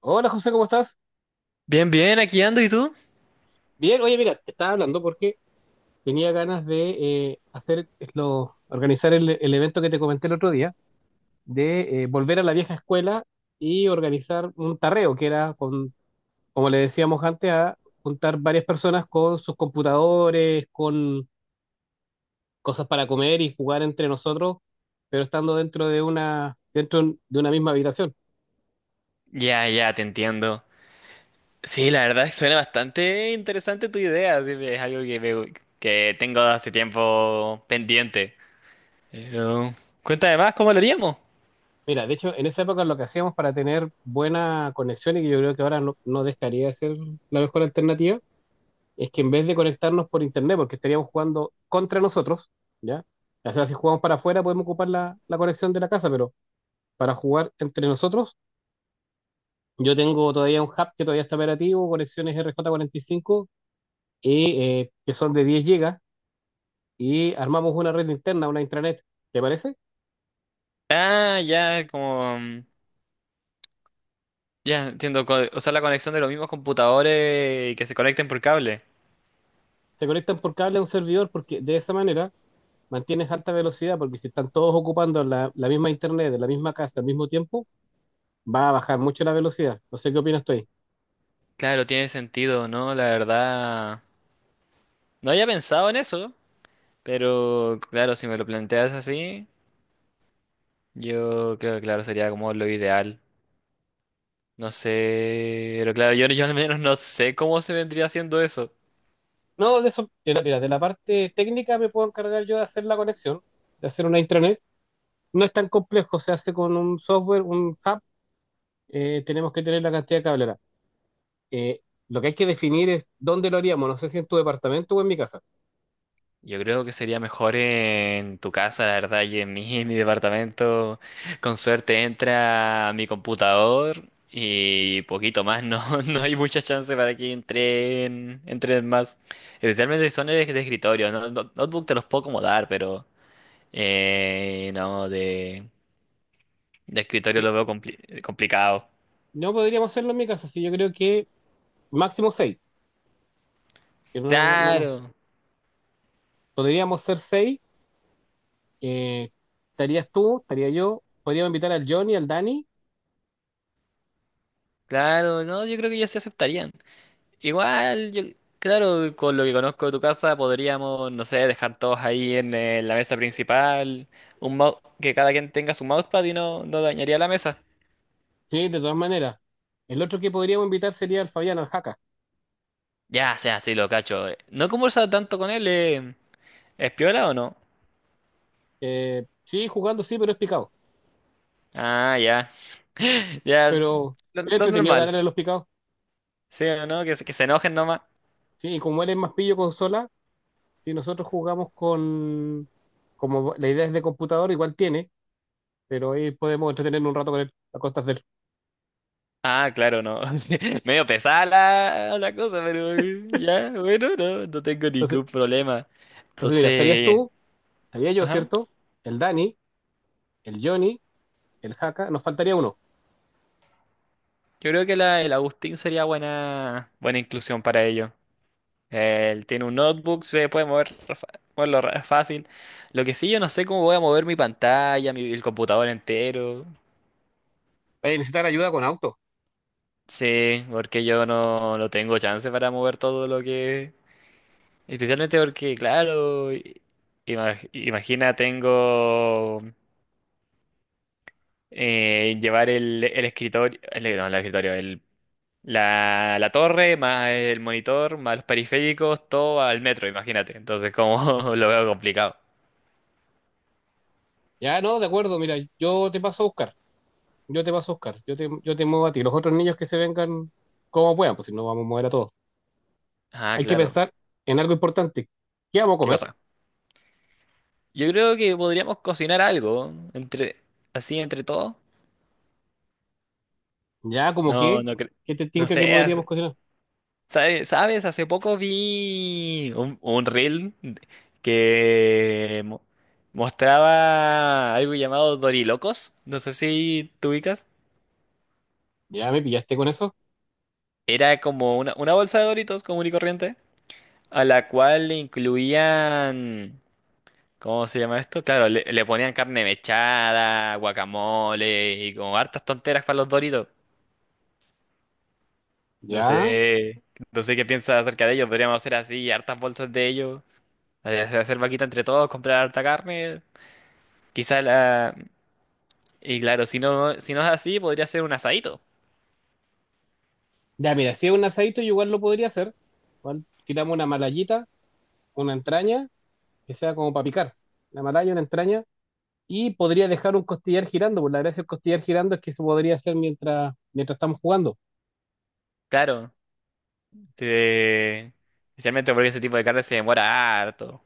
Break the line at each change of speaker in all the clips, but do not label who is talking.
Hola José, ¿cómo estás?
Bien, bien, aquí ando, ¿y tú?
Bien, oye, mira, te estaba hablando porque tenía ganas de hacer lo, organizar el evento que te comenté el otro día, de volver a la vieja escuela y organizar un tarreo, que era, con, como le decíamos antes, a juntar varias personas con sus computadores, con cosas para comer y jugar entre nosotros, pero estando dentro de una misma habitación.
Ya, ya, te entiendo. Sí, la verdad es que suena bastante interesante tu idea, así que es algo que, que tengo hace tiempo pendiente. Pero, cuéntame más, ¿cómo lo haríamos?
Mira, de hecho, en esa época lo que hacíamos para tener buena conexión y que yo creo que ahora no dejaría de ser la mejor alternativa es que en vez de conectarnos por internet, porque estaríamos jugando contra nosotros, ¿ya? O sea, si jugamos para afuera podemos ocupar la conexión de la casa, pero para jugar entre nosotros, yo tengo todavía un hub que todavía está operativo, conexiones RJ45, y, cinco, y, que son de 10 GB, y armamos una red interna, una intranet, ¿te parece?
Ah, ya. Ya, entiendo, usar la conexión de los mismos computadores y que se conecten por cable.
Se conectan por cable a un servidor porque de esa manera mantienes alta velocidad, porque si están todos ocupando la misma internet, de la misma casa al mismo tiempo, va a bajar mucho la velocidad. No sé qué opinas tú ahí.
Claro, tiene sentido, ¿no? La verdad. No había pensado en eso, pero claro, si me lo planteas así, yo creo que claro, sería como lo ideal. No sé, pero claro, yo al menos no sé cómo se vendría haciendo eso.
No, de eso, mira, de la parte técnica me puedo encargar yo de hacer la conexión, de hacer una intranet. No es tan complejo, se hace con un software, un hub, tenemos que tener la cantidad de cablera. Eh, lo que hay que definir es dónde lo haríamos, no sé si en tu departamento o en mi casa.
Yo creo que sería mejor en tu casa, la verdad, y en mí, en mi departamento. Con suerte entra a mi computador y poquito más, no, no hay mucha chance para que entren más. Especialmente si son de escritorio, no, notebook te los puedo acomodar, pero no, de escritorio
Sí,
lo veo complicado.
no podríamos hacerlo en mi casa, sí, yo creo que máximo seis, que no, nos- no, nos-
Claro,
podríamos ser seis, eh, estarías tú, estaría yo, podríamos invitar al Johnny, al Dani,
claro, no, yo creo que ya se aceptarían. Igual, yo, claro, con lo que conozco de tu casa podríamos, no sé, dejar todos ahí en, la mesa principal, que cada quien tenga su mousepad y no dañaría la mesa.
sí, de todas maneras. El otro que podríamos invitar sería al Fabián, al Jaca.
Ya, sea, sí, lo cacho. No conversaba tanto con él. ¿Es piola o no?
Sí, jugando sí, pero es picado.
Ah, ya. Ya,
Pero
lo,
es
lo
entretenido
normal.
ganarle a los picados.
Sí, ¿o no? Que, que se enojen nomás.
Sí, y como él es más pillo consola, si nosotros jugamos con... Como la idea es de computador, igual tiene, pero ahí podemos entretenernos un rato con él, a costas de él.
Ah, claro, no. Sí, medio pesada la cosa, pero ya, bueno, no tengo
Entonces,
ningún problema.
entonces, mira, estarías
Entonces,
tú, estaría yo,
ajá.
¿cierto? El Dani, el Johnny, el Haka, nos faltaría uno.
Yo creo que el Agustín sería buena, buena inclusión para ello. Él tiene un notebook, se puede mover moverlo fácil. Lo que sí, yo no sé cómo voy a mover mi pantalla, el computador entero.
Vaya a necesitar ayuda con auto.
Sí, porque yo no tengo chance para mover todo lo que. Especialmente porque, claro, imagina, tengo. Llevar el escritorio, el, no, el escritorio, la torre, más el monitor, más los periféricos, todo al metro, imagínate. Entonces, como lo veo complicado.
Ya, no, de acuerdo, mira, yo te paso a buscar, yo te muevo a ti. Los otros niños que se vengan como puedan, pues si no vamos a mover a todos.
Ah,
Hay que
claro.
pensar en algo importante. ¿Qué vamos a
¿Qué
comer?
cosa? Yo creo que podríamos cocinar algo entre así entre todos.
Ya, como
No,
que,
no creo.
¿qué te
No
tinca que
sé,
podríamos cocinar?
¿sabes? ¿Sabes? Hace poco vi un reel que mostraba algo llamado Dorilocos. No sé si tú ubicas.
Ya me pillaste con eso.
Era como una bolsa de Doritos común y corriente, a la cual le incluían, ¿cómo se llama esto? Claro, le ponían carne mechada, guacamole y como hartas tonteras para los Doritos. No
Ya.
sé, no sé qué piensas acerca de ellos, podríamos hacer así, hartas bolsas de ellos, hacer vaquita entre todos, comprar harta carne, quizás la. Y claro, si no, es así, podría ser un asadito,
Ya, mira, si es un asadito, yo igual lo podría hacer. Igual tiramos una malayita, una entraña, que sea como para picar. Una malaya, una entraña. Y podría dejar un costillar girando, por la gracia del costillar girando es que se podría hacer mientras estamos jugando.
claro. Eh, especialmente porque ese tipo de carne se demora harto.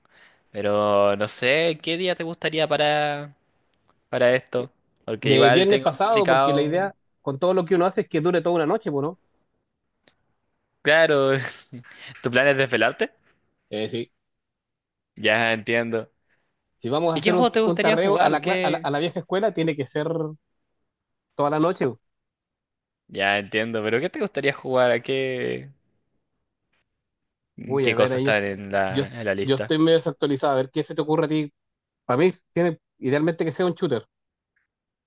Pero no sé, ¿qué día te gustaría para
Eh,
esto? Porque
De
igual
viernes
tengo
pasado, porque la idea
complicado.
con todo lo que uno hace es que dure toda una noche, pues, ¿no?
Claro, ¿tu plan es desvelarte?
Sí.
Ya entiendo.
Si vamos a
¿Y qué
hacer
juego te
un
gustaría
tarreo a
jugar?
la, cla-
¿Qué?
a la vieja escuela, tiene que ser toda la noche.
Ya entiendo, pero ¿qué te gustaría jugar? ¿A qué,
Uy, a
qué
ver,
cosas están en
yo,
la, en la
yo
lista?
estoy medio desactualizado. A ver, ¿qué se te ocurre a ti? Para mí, tiene, idealmente que sea un shooter.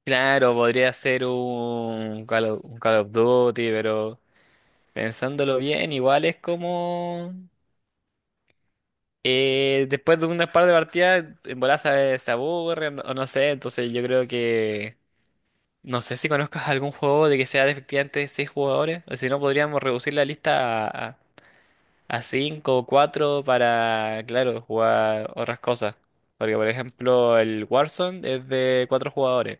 Claro, podría ser un Call of Duty, pero pensándolo bien, igual es como, después de unas par de partidas, en bola se aburren o no sé, entonces yo creo que. No sé si conozcas algún juego de que sea de efectivamente 6 jugadores, o si no, podríamos reducir la lista a 5 o 4 para, claro, jugar otras cosas. Porque, por ejemplo, el Warzone es de 4 jugadores,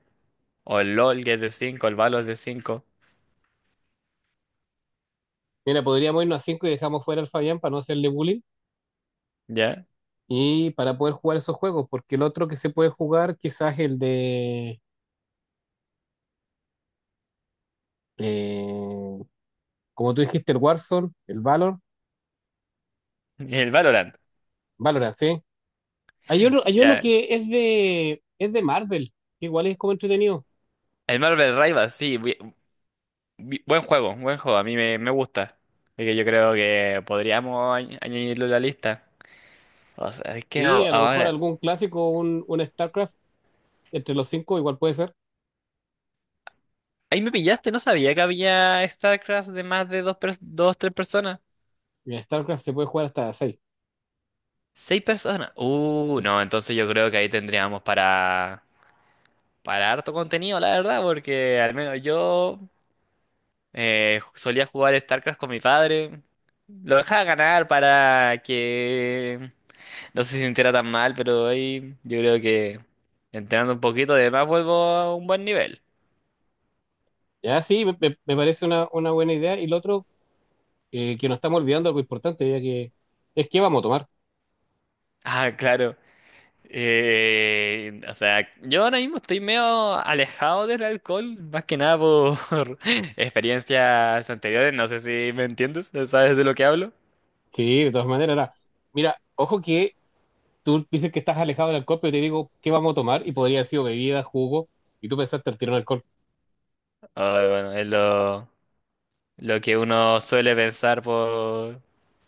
o el LoL que es de cinco, el Valo es de cinco.
Mira, podríamos irnos a 5 y dejamos fuera al Fabián para no hacerle bullying
¿Ya?
y para poder jugar esos juegos, porque el otro que se puede jugar quizás el de, eh, como tú dijiste, el Warzone, el Valor,
Y el Valorant,
Valorant, ¿sí? Hay uno
¿ya?
que es es de Marvel, que igual es como entretenido.
El Marvel Rivals, sí, buen juego, a mí me gusta. Así que yo creo que podríamos añadirlo a la lista. O sea, es que
Y a lo mejor
ahora.
algún clásico, un StarCraft, entre los cinco igual puede ser.
Ahí me pillaste, no sabía que había StarCraft de más de dos, tres personas.
En StarCraft se puede jugar hasta seis.
Seis personas. No, entonces yo creo que ahí tendríamos para harto contenido, la verdad, porque al menos yo solía jugar StarCraft con mi padre. Lo dejaba ganar para que no se sintiera tan mal, pero ahí yo creo que entrenando un poquito, además vuelvo a un buen nivel.
Ya, sí, me parece una buena idea. Y lo otro, que nos estamos olvidando algo importante, ya que es que vamos a tomar.
Ah, claro. O sea, yo ahora mismo estoy medio alejado del alcohol, más que nada por experiencias anteriores, no sé si me entiendes, ¿sabes de lo que hablo?
Sí, de todas maneras, ahora, mira, ojo que tú dices que estás alejado del alcohol, pero te digo qué vamos a tomar y podría haber sido bebida, jugo, y tú pensaste al tiro en alcohol.
Ah, bueno, es lo que uno suele pensar por,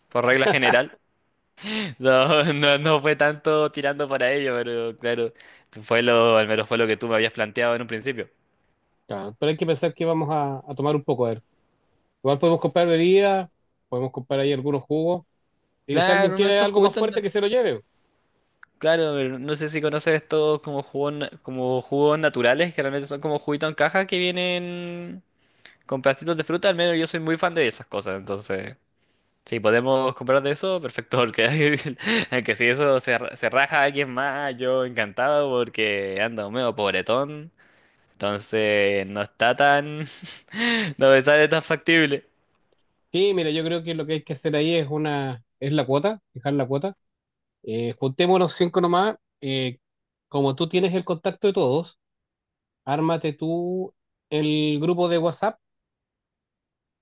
por regla general. No, no, no fue tanto tirando para ello, pero claro, fue lo, al menos fue lo que tú me habías planteado en un principio.
Ya, pero hay que pensar que vamos a tomar un poco, a ver. Igual podemos comprar bebida, podemos comprar ahí algunos jugos. Y si alguien
Claro, uno de
quiere
estos
algo más
juguetes.
fuerte, que se lo lleve.
Claro, no sé si conoces estos como jugos, como jugos naturales, que realmente son como juguitos en caja que vienen con pedacitos de fruta, al menos yo soy muy fan de esas cosas, entonces, si podemos comprar de eso, perfecto, porque, aunque si eso se raja a alguien más, yo encantado porque ando medio pobretón, entonces no está tan, no me sale tan factible,
Sí, mira, yo creo que lo que hay que hacer ahí es es la cuota, fijar la cuota. Juntémonos cinco nomás. Eh, como tú tienes el contacto de todos, ármate tú el grupo de WhatsApp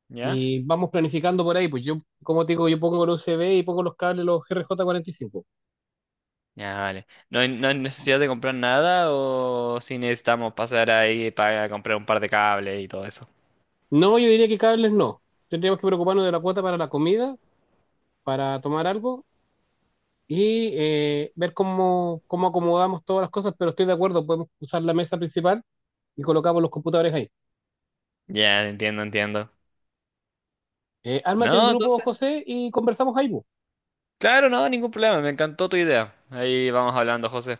¿ya?
y vamos planificando por ahí. Pues yo, como te digo, yo pongo el USB y pongo los cables, los RJ45.
Ya, vale. ¿No hay necesidad de comprar nada o si necesitamos pasar ahí para comprar un par de cables y todo eso?
No, yo diría que cables no. Tendríamos que preocuparnos de la cuota para la comida, para tomar algo y ver cómo, cómo acomodamos todas las cosas, pero estoy de acuerdo, podemos usar la mesa principal y colocamos los computadores ahí.
Ya, entiendo, entiendo.
Ármate el
No,
grupo,
entonces,
José, y conversamos ahí pues.
claro, no, ningún problema. Me encantó tu idea. Ahí vamos hablando, José.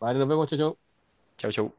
Vale, nos vemos, chao, chao.
Chau, chau.